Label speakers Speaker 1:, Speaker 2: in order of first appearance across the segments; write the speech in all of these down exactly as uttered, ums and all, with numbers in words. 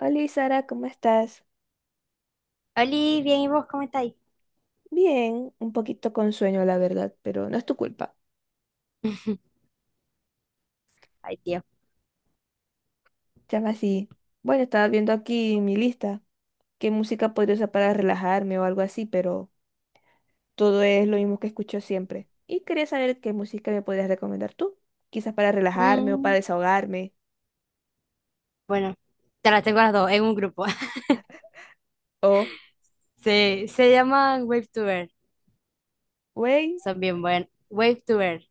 Speaker 1: Hola, Sara, ¿cómo estás?
Speaker 2: Oli, bien, ¿y vos cómo estáis?
Speaker 1: Bien, un poquito con sueño, la verdad, pero no es tu culpa.
Speaker 2: Ay, tío.
Speaker 1: Llama así. Bueno, estaba viendo aquí mi lista, qué música podría usar para relajarme o algo así, pero todo es lo mismo que escucho siempre. Y quería saber qué música me podrías recomendar tú, quizás para relajarme o para
Speaker 2: Mm,
Speaker 1: desahogarme.
Speaker 2: bueno, te las tengo las dos en un grupo.
Speaker 1: O,
Speaker 2: Se, se llaman Wave to Earth.
Speaker 1: wey,
Speaker 2: Son bien buenas. Wave to Earth.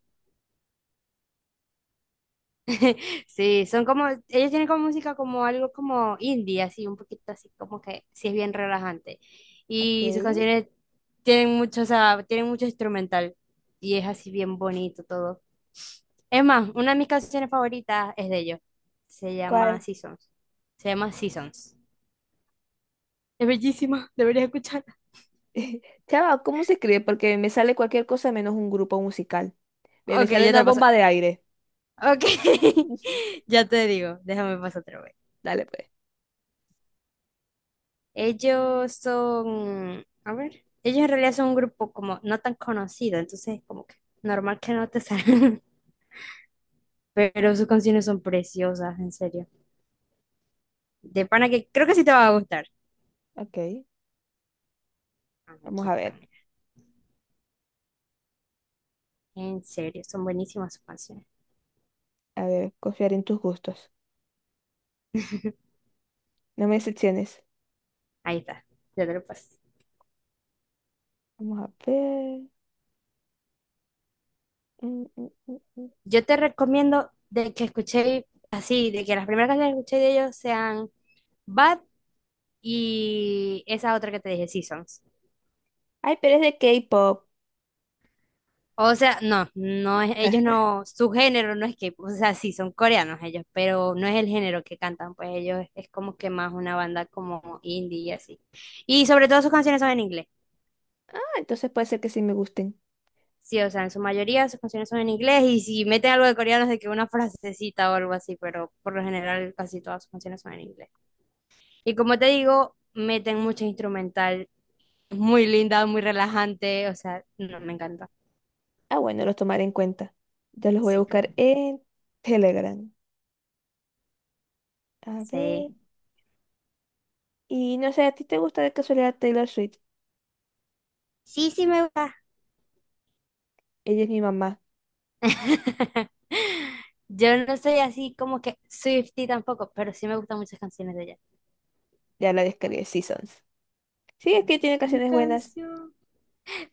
Speaker 2: Sí, son como, ellos tienen como música como algo como indie, así, un poquito así, como que sí es bien relajante.
Speaker 1: ok,
Speaker 2: Y sus canciones tienen mucho, o sea, tienen mucho instrumental. Y es así bien bonito todo. Es más, una de mis canciones favoritas es de ellos. Se llama
Speaker 1: ¿cuál?
Speaker 2: Seasons. Se llama Seasons. Es bellísima, deberías escucharla.
Speaker 1: Chava, ¿cómo se escribe? Porque me sale cualquier cosa menos un grupo musical. Me me
Speaker 2: Ok,
Speaker 1: sale
Speaker 2: ya te
Speaker 1: una
Speaker 2: lo paso.
Speaker 1: bomba de aire.
Speaker 2: Ok, ya te digo, déjame pasar otra vez.
Speaker 1: Dale, pues.
Speaker 2: Ellos son, a ver, ellos en realidad son un grupo como no tan conocido, entonces como que normal que no te salgan, pero sus canciones son preciosas, en serio. De pana que creo que sí te va a gustar.
Speaker 1: Ok,
Speaker 2: Ah,
Speaker 1: vamos
Speaker 2: aquí
Speaker 1: a
Speaker 2: están,
Speaker 1: ver.
Speaker 2: mira. En serio, son buenísimas sus canciones.
Speaker 1: A ver, confiar en tus gustos. No me decepciones.
Speaker 2: Ahí está, ya te lo paso.
Speaker 1: Vamos a ver. Mm, mm, mm, mm.
Speaker 2: Yo te recomiendo de que escuché así, de que las primeras canciones que escuché de ellos sean... Bad, y esa otra que te dije, Seasons.
Speaker 1: Ay, pero es de K-pop.
Speaker 2: O sea, no, no es, ellos no, su género no es K-pop, o sea, sí, son coreanos ellos, pero no es el género que cantan, pues ellos es como que más una banda como indie y así. Y sobre todo sus canciones son en inglés,
Speaker 1: Ah, entonces puede ser que sí me gusten.
Speaker 2: sí, o sea, en su mayoría sus canciones son en inglés y si meten algo de coreano es de que una frasecita o algo así, pero por lo general casi todas sus canciones son en inglés. Y como te digo, meten mucho instrumental, muy linda, muy relajante, o sea, no, me encanta,
Speaker 1: Ah, bueno, los tomaré en cuenta. Ya los voy a
Speaker 2: sí, creo,
Speaker 1: buscar en Telegram. A ver.
Speaker 2: sí.
Speaker 1: Y no sé, ¿a ti te gusta de casualidad Taylor Swift?
Speaker 2: Sí, sí me gusta.
Speaker 1: Ella es mi mamá.
Speaker 2: Yo no soy así como que Swiftie tampoco, pero sí me gustan muchas canciones de ella.
Speaker 1: Ya la descargué Seasons. Sí, es que tiene
Speaker 2: Mi
Speaker 1: canciones buenas.
Speaker 2: canción,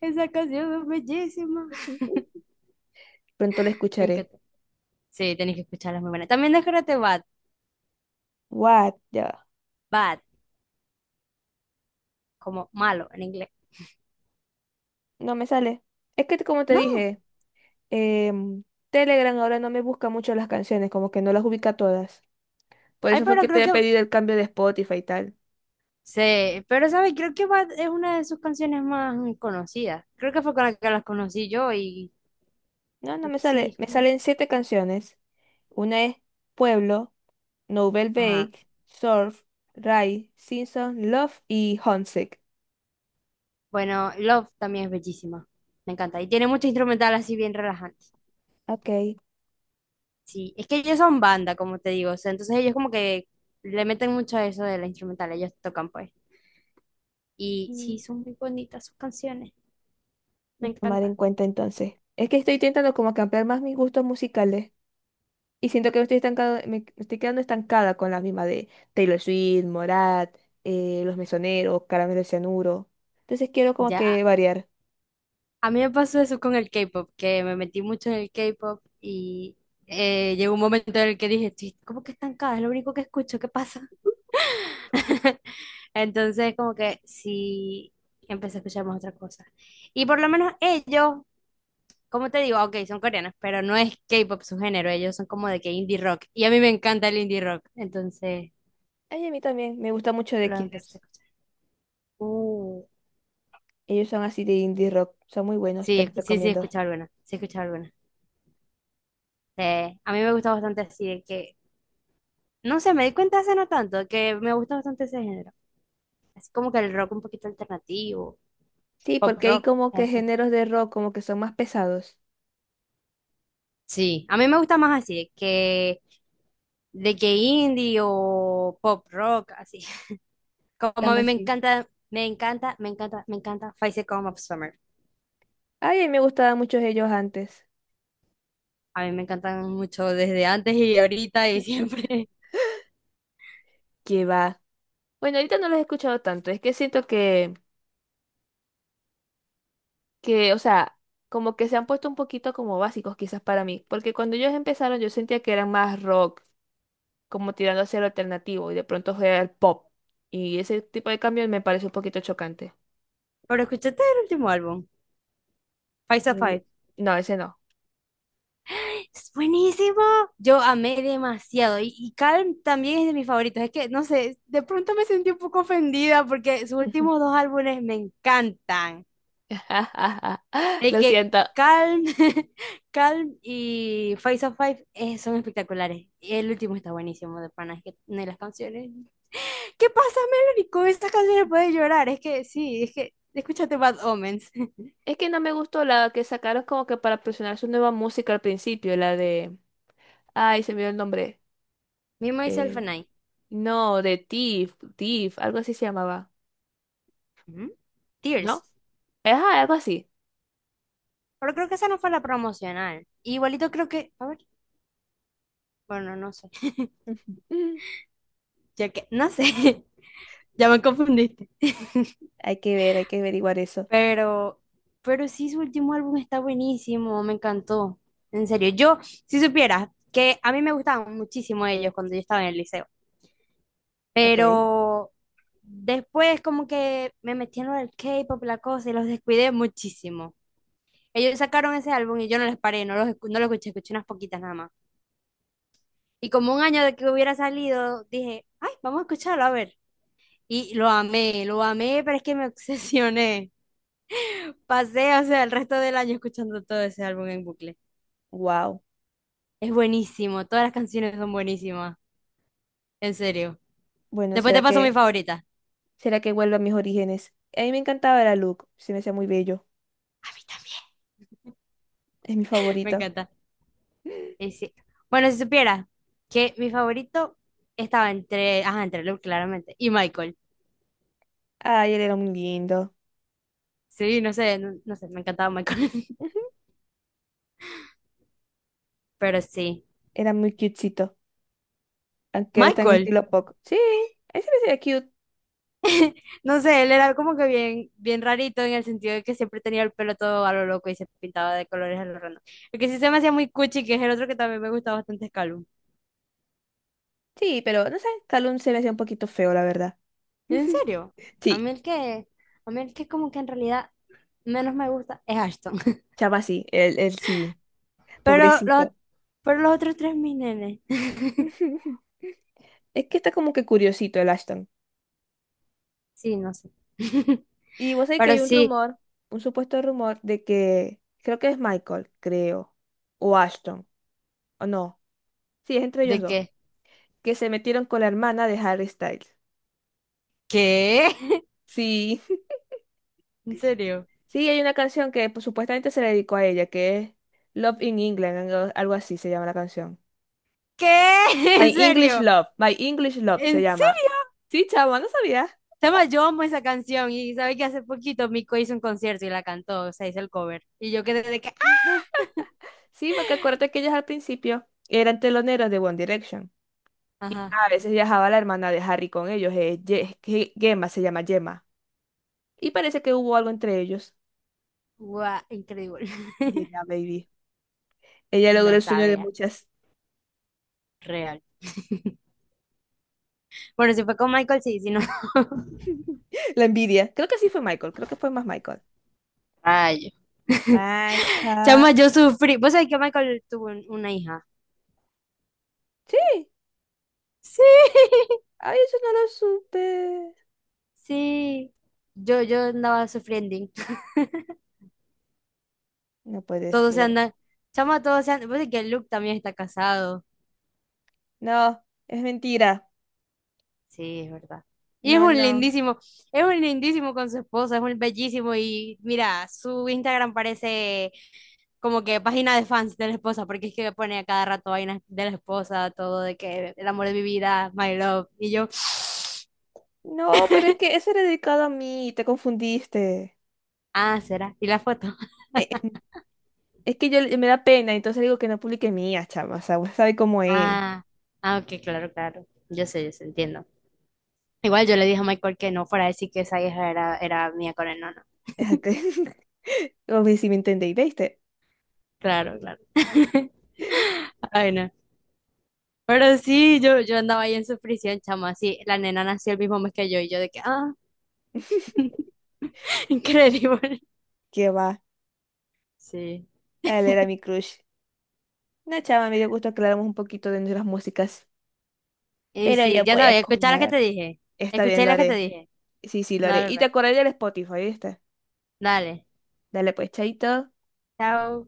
Speaker 2: esa canción es bellísima.
Speaker 1: Pronto la
Speaker 2: Me
Speaker 1: escucharé.
Speaker 2: encanta. Sí, tenéis que escucharlas muy buenas. También descárgate Bad.
Speaker 1: What? Ya va.
Speaker 2: Bad, como malo en inglés.
Speaker 1: No me sale. Es que como te
Speaker 2: No,
Speaker 1: dije. em, Telegram ahora no me busca mucho las canciones, como que no las ubica todas. Por
Speaker 2: ay,
Speaker 1: eso fue
Speaker 2: pero
Speaker 1: que
Speaker 2: creo
Speaker 1: te he
Speaker 2: que,
Speaker 1: pedido el cambio de Spotify y tal.
Speaker 2: sí, pero sabes, creo que Bad es una de sus canciones más conocidas. Creo que fue con la que las conocí yo y
Speaker 1: No, no
Speaker 2: creo
Speaker 1: me
Speaker 2: que sí,
Speaker 1: sale.
Speaker 2: es
Speaker 1: Me
Speaker 2: como...
Speaker 1: salen siete canciones. Una es Pueblo, Nouvelle
Speaker 2: Ajá.
Speaker 1: Vague, Surf, Rai, Simpson, Love y Homesick.
Speaker 2: Bueno, Love también es bellísima. Me encanta. Y tiene mucho instrumental así bien relajante.
Speaker 1: Ok.
Speaker 2: Sí, es que ellos son banda, como te digo, o sea, entonces ellos como que le meten mucho a eso de la instrumental, ellos tocan pues. Y
Speaker 1: mm,
Speaker 2: sí, son muy bonitas sus canciones, me
Speaker 1: Lo tomaré en
Speaker 2: encantan.
Speaker 1: cuenta entonces. Es que estoy intentando como que ampliar más mis gustos musicales. Y siento que me estoy estancado, me estoy quedando estancada con las mismas de Taylor Swift, Morat, eh, Los Mesoneros, Caramelo de Cianuro. Entonces quiero como
Speaker 2: Ya,
Speaker 1: que variar.
Speaker 2: a mí me pasó eso con el K-pop, que me metí mucho en el K-pop y eh, llegó un momento en el que dije, estoy como que estancada, es lo único que escucho, ¿qué pasa? Entonces como que sí, empecé a escuchar más otra cosa. Y por lo menos ellos como te digo, ok, son coreanos, pero no es K-pop su género, ellos son como de que indie rock. Y a mí me encanta el indie rock, entonces
Speaker 1: Ay, a mí también me gusta mucho The
Speaker 2: lo empecé
Speaker 1: Killers.
Speaker 2: a escuchar. Uh,
Speaker 1: Ellos son así de indie rock, son muy buenos,
Speaker 2: sí,
Speaker 1: te
Speaker 2: es-
Speaker 1: los
Speaker 2: sí, sí, he
Speaker 1: recomiendo.
Speaker 2: escuchado alguna, sí, he escuchado alguna. Eh, a mí me gusta bastante así de que, no sé, me di cuenta hace no tanto que me gusta bastante ese género. Así como que el rock un poquito alternativo,
Speaker 1: Sí,
Speaker 2: pop
Speaker 1: porque hay
Speaker 2: rock,
Speaker 1: como que
Speaker 2: eso.
Speaker 1: géneros de rock como que son más pesados.
Speaker 2: Sí, a mí me gusta más así de que, de que indie o pop rock, así. Como a
Speaker 1: Llama
Speaker 2: mí me
Speaker 1: así.
Speaker 2: encanta, me encanta, me encanta, me encanta Five Seconds of Summer.
Speaker 1: Ay, a mí me gustaban muchos ellos antes.
Speaker 2: A mí me encantan mucho desde antes y ahorita y siempre.
Speaker 1: Que va. Bueno, ahorita no los he escuchado tanto, es que siento que que, o sea, como que se han puesto un poquito como básicos quizás para mí, porque cuando ellos empezaron yo sentía que eran más rock, como tirando hacia lo alternativo, y de pronto fue al pop, y ese tipo de cambio me parece un poquito chocante.
Speaker 2: Pero escúchate el último álbum, Five of
Speaker 1: Y-
Speaker 2: Five.
Speaker 1: No, ese no.
Speaker 2: Es buenísimo. Yo amé demasiado. Y, y Calm también es de mis favoritos. Es que, no sé, de pronto me sentí un poco ofendida porque sus últimos dos álbumes me encantan. De
Speaker 1: Lo
Speaker 2: que
Speaker 1: siento.
Speaker 2: Calm, Calm y Five of Five eh, son espectaculares. Y el último está buenísimo de pana. Es que de las canciones. ¿Qué pasa, Melanie? Con estas canciones puedes llorar. Es que sí, es que escúchate Bad Omens.
Speaker 1: Es que no me gustó la que sacaron como que para presionar su nueva música al principio, la de... Ay, se me dio el nombre.
Speaker 2: Me, Myself
Speaker 1: Eh,
Speaker 2: and I.
Speaker 1: no, de Tiff, Tiff, algo así se llamaba,
Speaker 2: Ujú.
Speaker 1: ¿no?
Speaker 2: Tears.
Speaker 1: Ajá, algo así.
Speaker 2: Pero creo que esa no fue la promocional. Igualito creo que. A ver. Bueno, no sé. Ya que. No sé. Ya me confundiste.
Speaker 1: Hay que ver, hay que averiguar eso.
Speaker 2: Pero. Pero sí, su último álbum está buenísimo. Me encantó. En serio. Yo, si supieras que a mí me gustaban muchísimo ellos cuando yo estaba en el liceo.
Speaker 1: Ok.
Speaker 2: Pero. Después, como que me metí en lo del K-pop, la cosa, y los descuidé muchísimo. Ellos sacaron ese álbum y yo no les paré, no los, escu- no lo escuché, escuché unas poquitas nada más. Y como un año de que hubiera salido, dije, ay, vamos a escucharlo, a ver. Y lo amé, lo amé, pero es que me obsesioné. Pasé, o sea, el resto del año escuchando todo ese álbum en bucle.
Speaker 1: Wow.
Speaker 2: Es buenísimo, todas las canciones son buenísimas, en serio.
Speaker 1: Bueno,
Speaker 2: Después
Speaker 1: ¿será
Speaker 2: te paso mi
Speaker 1: que,
Speaker 2: favorita. A
Speaker 1: ¿será que vuelvo a mis orígenes? A mí me encantaba la Luke, se me hacía muy bello.
Speaker 2: mí también.
Speaker 1: Es mi
Speaker 2: Me
Speaker 1: favorito.
Speaker 2: encanta. Y sí. Bueno, si supieras que mi favorito estaba entre, ajá, entre Luke, claramente, y Michael.
Speaker 1: Ay, él era muy lindo.
Speaker 2: Sí, no sé, no, no sé, me encantaba Michael.
Speaker 1: Ujú.
Speaker 2: Pero sí.
Speaker 1: Era muy cutecito. Aunque ahora está en
Speaker 2: Michael.
Speaker 1: estilo pop. Sí, él se me hacía cute.
Speaker 2: No sé, él era como que bien, bien rarito en el sentido de que siempre tenía el pelo todo a lo loco y se pintaba de colores a lo random. El que sí se me hacía muy cuchi, que es el otro que también me gusta bastante, es Calum.
Speaker 1: Sí, pero no sé, Calum se me hacía un poquito feo, la verdad.
Speaker 2: ¿En serio? A
Speaker 1: Sí,
Speaker 2: mí el que, a mí el que como que en realidad menos me gusta es Ashton.
Speaker 1: chama sí, él, él sí.
Speaker 2: Pero los,
Speaker 1: Pobrecito.
Speaker 2: pero los otros tres, mis nenes.
Speaker 1: Es que está como que curiosito el Ashton.
Speaker 2: Sí, no sé.
Speaker 1: Y vos sabés que
Speaker 2: Pero
Speaker 1: hay un
Speaker 2: sí,
Speaker 1: rumor, un supuesto rumor de que creo que es Michael, creo, o Ashton, o no. Sí, es entre ellos
Speaker 2: ¿de
Speaker 1: dos,
Speaker 2: qué?
Speaker 1: que se metieron con la hermana de Harry Styles.
Speaker 2: ¿Qué?
Speaker 1: Sí,
Speaker 2: ¿En serio?
Speaker 1: sí, hay una canción que pues, supuestamente se le dedicó a ella, que es Love in England, algo algo así se llama la canción.
Speaker 2: ¿Qué?
Speaker 1: My
Speaker 2: ¿En
Speaker 1: English
Speaker 2: serio?
Speaker 1: Love, My English Love se
Speaker 2: ¿En
Speaker 1: llama.
Speaker 2: serio?
Speaker 1: Sí, chavo, no sabía.
Speaker 2: Chama, yo amo esa canción y sabe que hace poquito Mico hizo un concierto y la cantó, o sea, hizo el cover. Y yo quedé de que, ¡ah!
Speaker 1: Sí, porque acuérdate que ellas al principio eran teloneros de One Direction. Y
Speaker 2: Ajá,
Speaker 1: a veces viajaba la hermana de Harry con ellos, eh, Ye- Ge- Gemma se llama Gemma. Y parece que hubo algo entre ellos.
Speaker 2: guau, increíble.
Speaker 1: Yeah, baby. Ella logró
Speaker 2: No
Speaker 1: el sueño de
Speaker 2: sabía,
Speaker 1: muchas.
Speaker 2: real. Bueno, si fue con Michael, sí, si no.
Speaker 1: La envidia. Creo que sí fue Michael, creo que fue más Michael.
Speaker 2: Ay,
Speaker 1: Michael.
Speaker 2: chama, yo sufrí. ¿Vos sabés que Michael tuvo un- una hija?
Speaker 1: Sí,
Speaker 2: Sí,
Speaker 1: ay, eso no lo supe.
Speaker 2: sí. Yo, yo andaba sufriendo.
Speaker 1: No puede
Speaker 2: Todos se
Speaker 1: ser.
Speaker 2: andan, chama, todos se andan. Vos sabés que Luke también está casado.
Speaker 1: No, es mentira.
Speaker 2: Sí, es verdad. Y es
Speaker 1: No,
Speaker 2: un
Speaker 1: no.
Speaker 2: lindísimo, es un lindísimo con su esposa, es un bellísimo y mira, su Instagram parece como que página de fans de la esposa, porque es que pone a cada rato vainas de la esposa, todo de que el amor de mi vida, my love, y yo,
Speaker 1: No, pero es que eso era dedicado a mí, te confundiste.
Speaker 2: ah, ¿será? ¿Y la foto?
Speaker 1: Eh, eh, Es que yo me da pena, entonces digo que no publique mía, chama. O sea, vos sabés cómo es.
Speaker 2: Ah, ah, ok, claro, claro, yo sé, yo sé, entiendo. Igual yo le dije a Michael que no fuera a decir que esa hija era, era mía con él, no, no,
Speaker 1: Es como si me entendéis, ¿viste?
Speaker 2: claro, claro. Ay, no. Pero sí, yo, yo andaba ahí en su prisión, chama, así, la nena nació el mismo mes que yo y yo de que, ah, increíble.
Speaker 1: ¿Qué va?
Speaker 2: Sí,
Speaker 1: Él era mi crush. No, chava, me dio gusto aclaramos un poquito de nuestras músicas.
Speaker 2: y
Speaker 1: Pero ya
Speaker 2: sí, ya
Speaker 1: voy a
Speaker 2: sabes, escuchar la que
Speaker 1: comer.
Speaker 2: te dije,
Speaker 1: Está bien,
Speaker 2: escuché
Speaker 1: lo
Speaker 2: la que te
Speaker 1: haré.
Speaker 2: dije.
Speaker 1: Sí, sí, lo haré.
Speaker 2: Dale,
Speaker 1: Y te
Speaker 2: pues,
Speaker 1: acordaré del Spotify, ¿viste?
Speaker 2: dale,
Speaker 1: Dale pues, chaito.
Speaker 2: chao.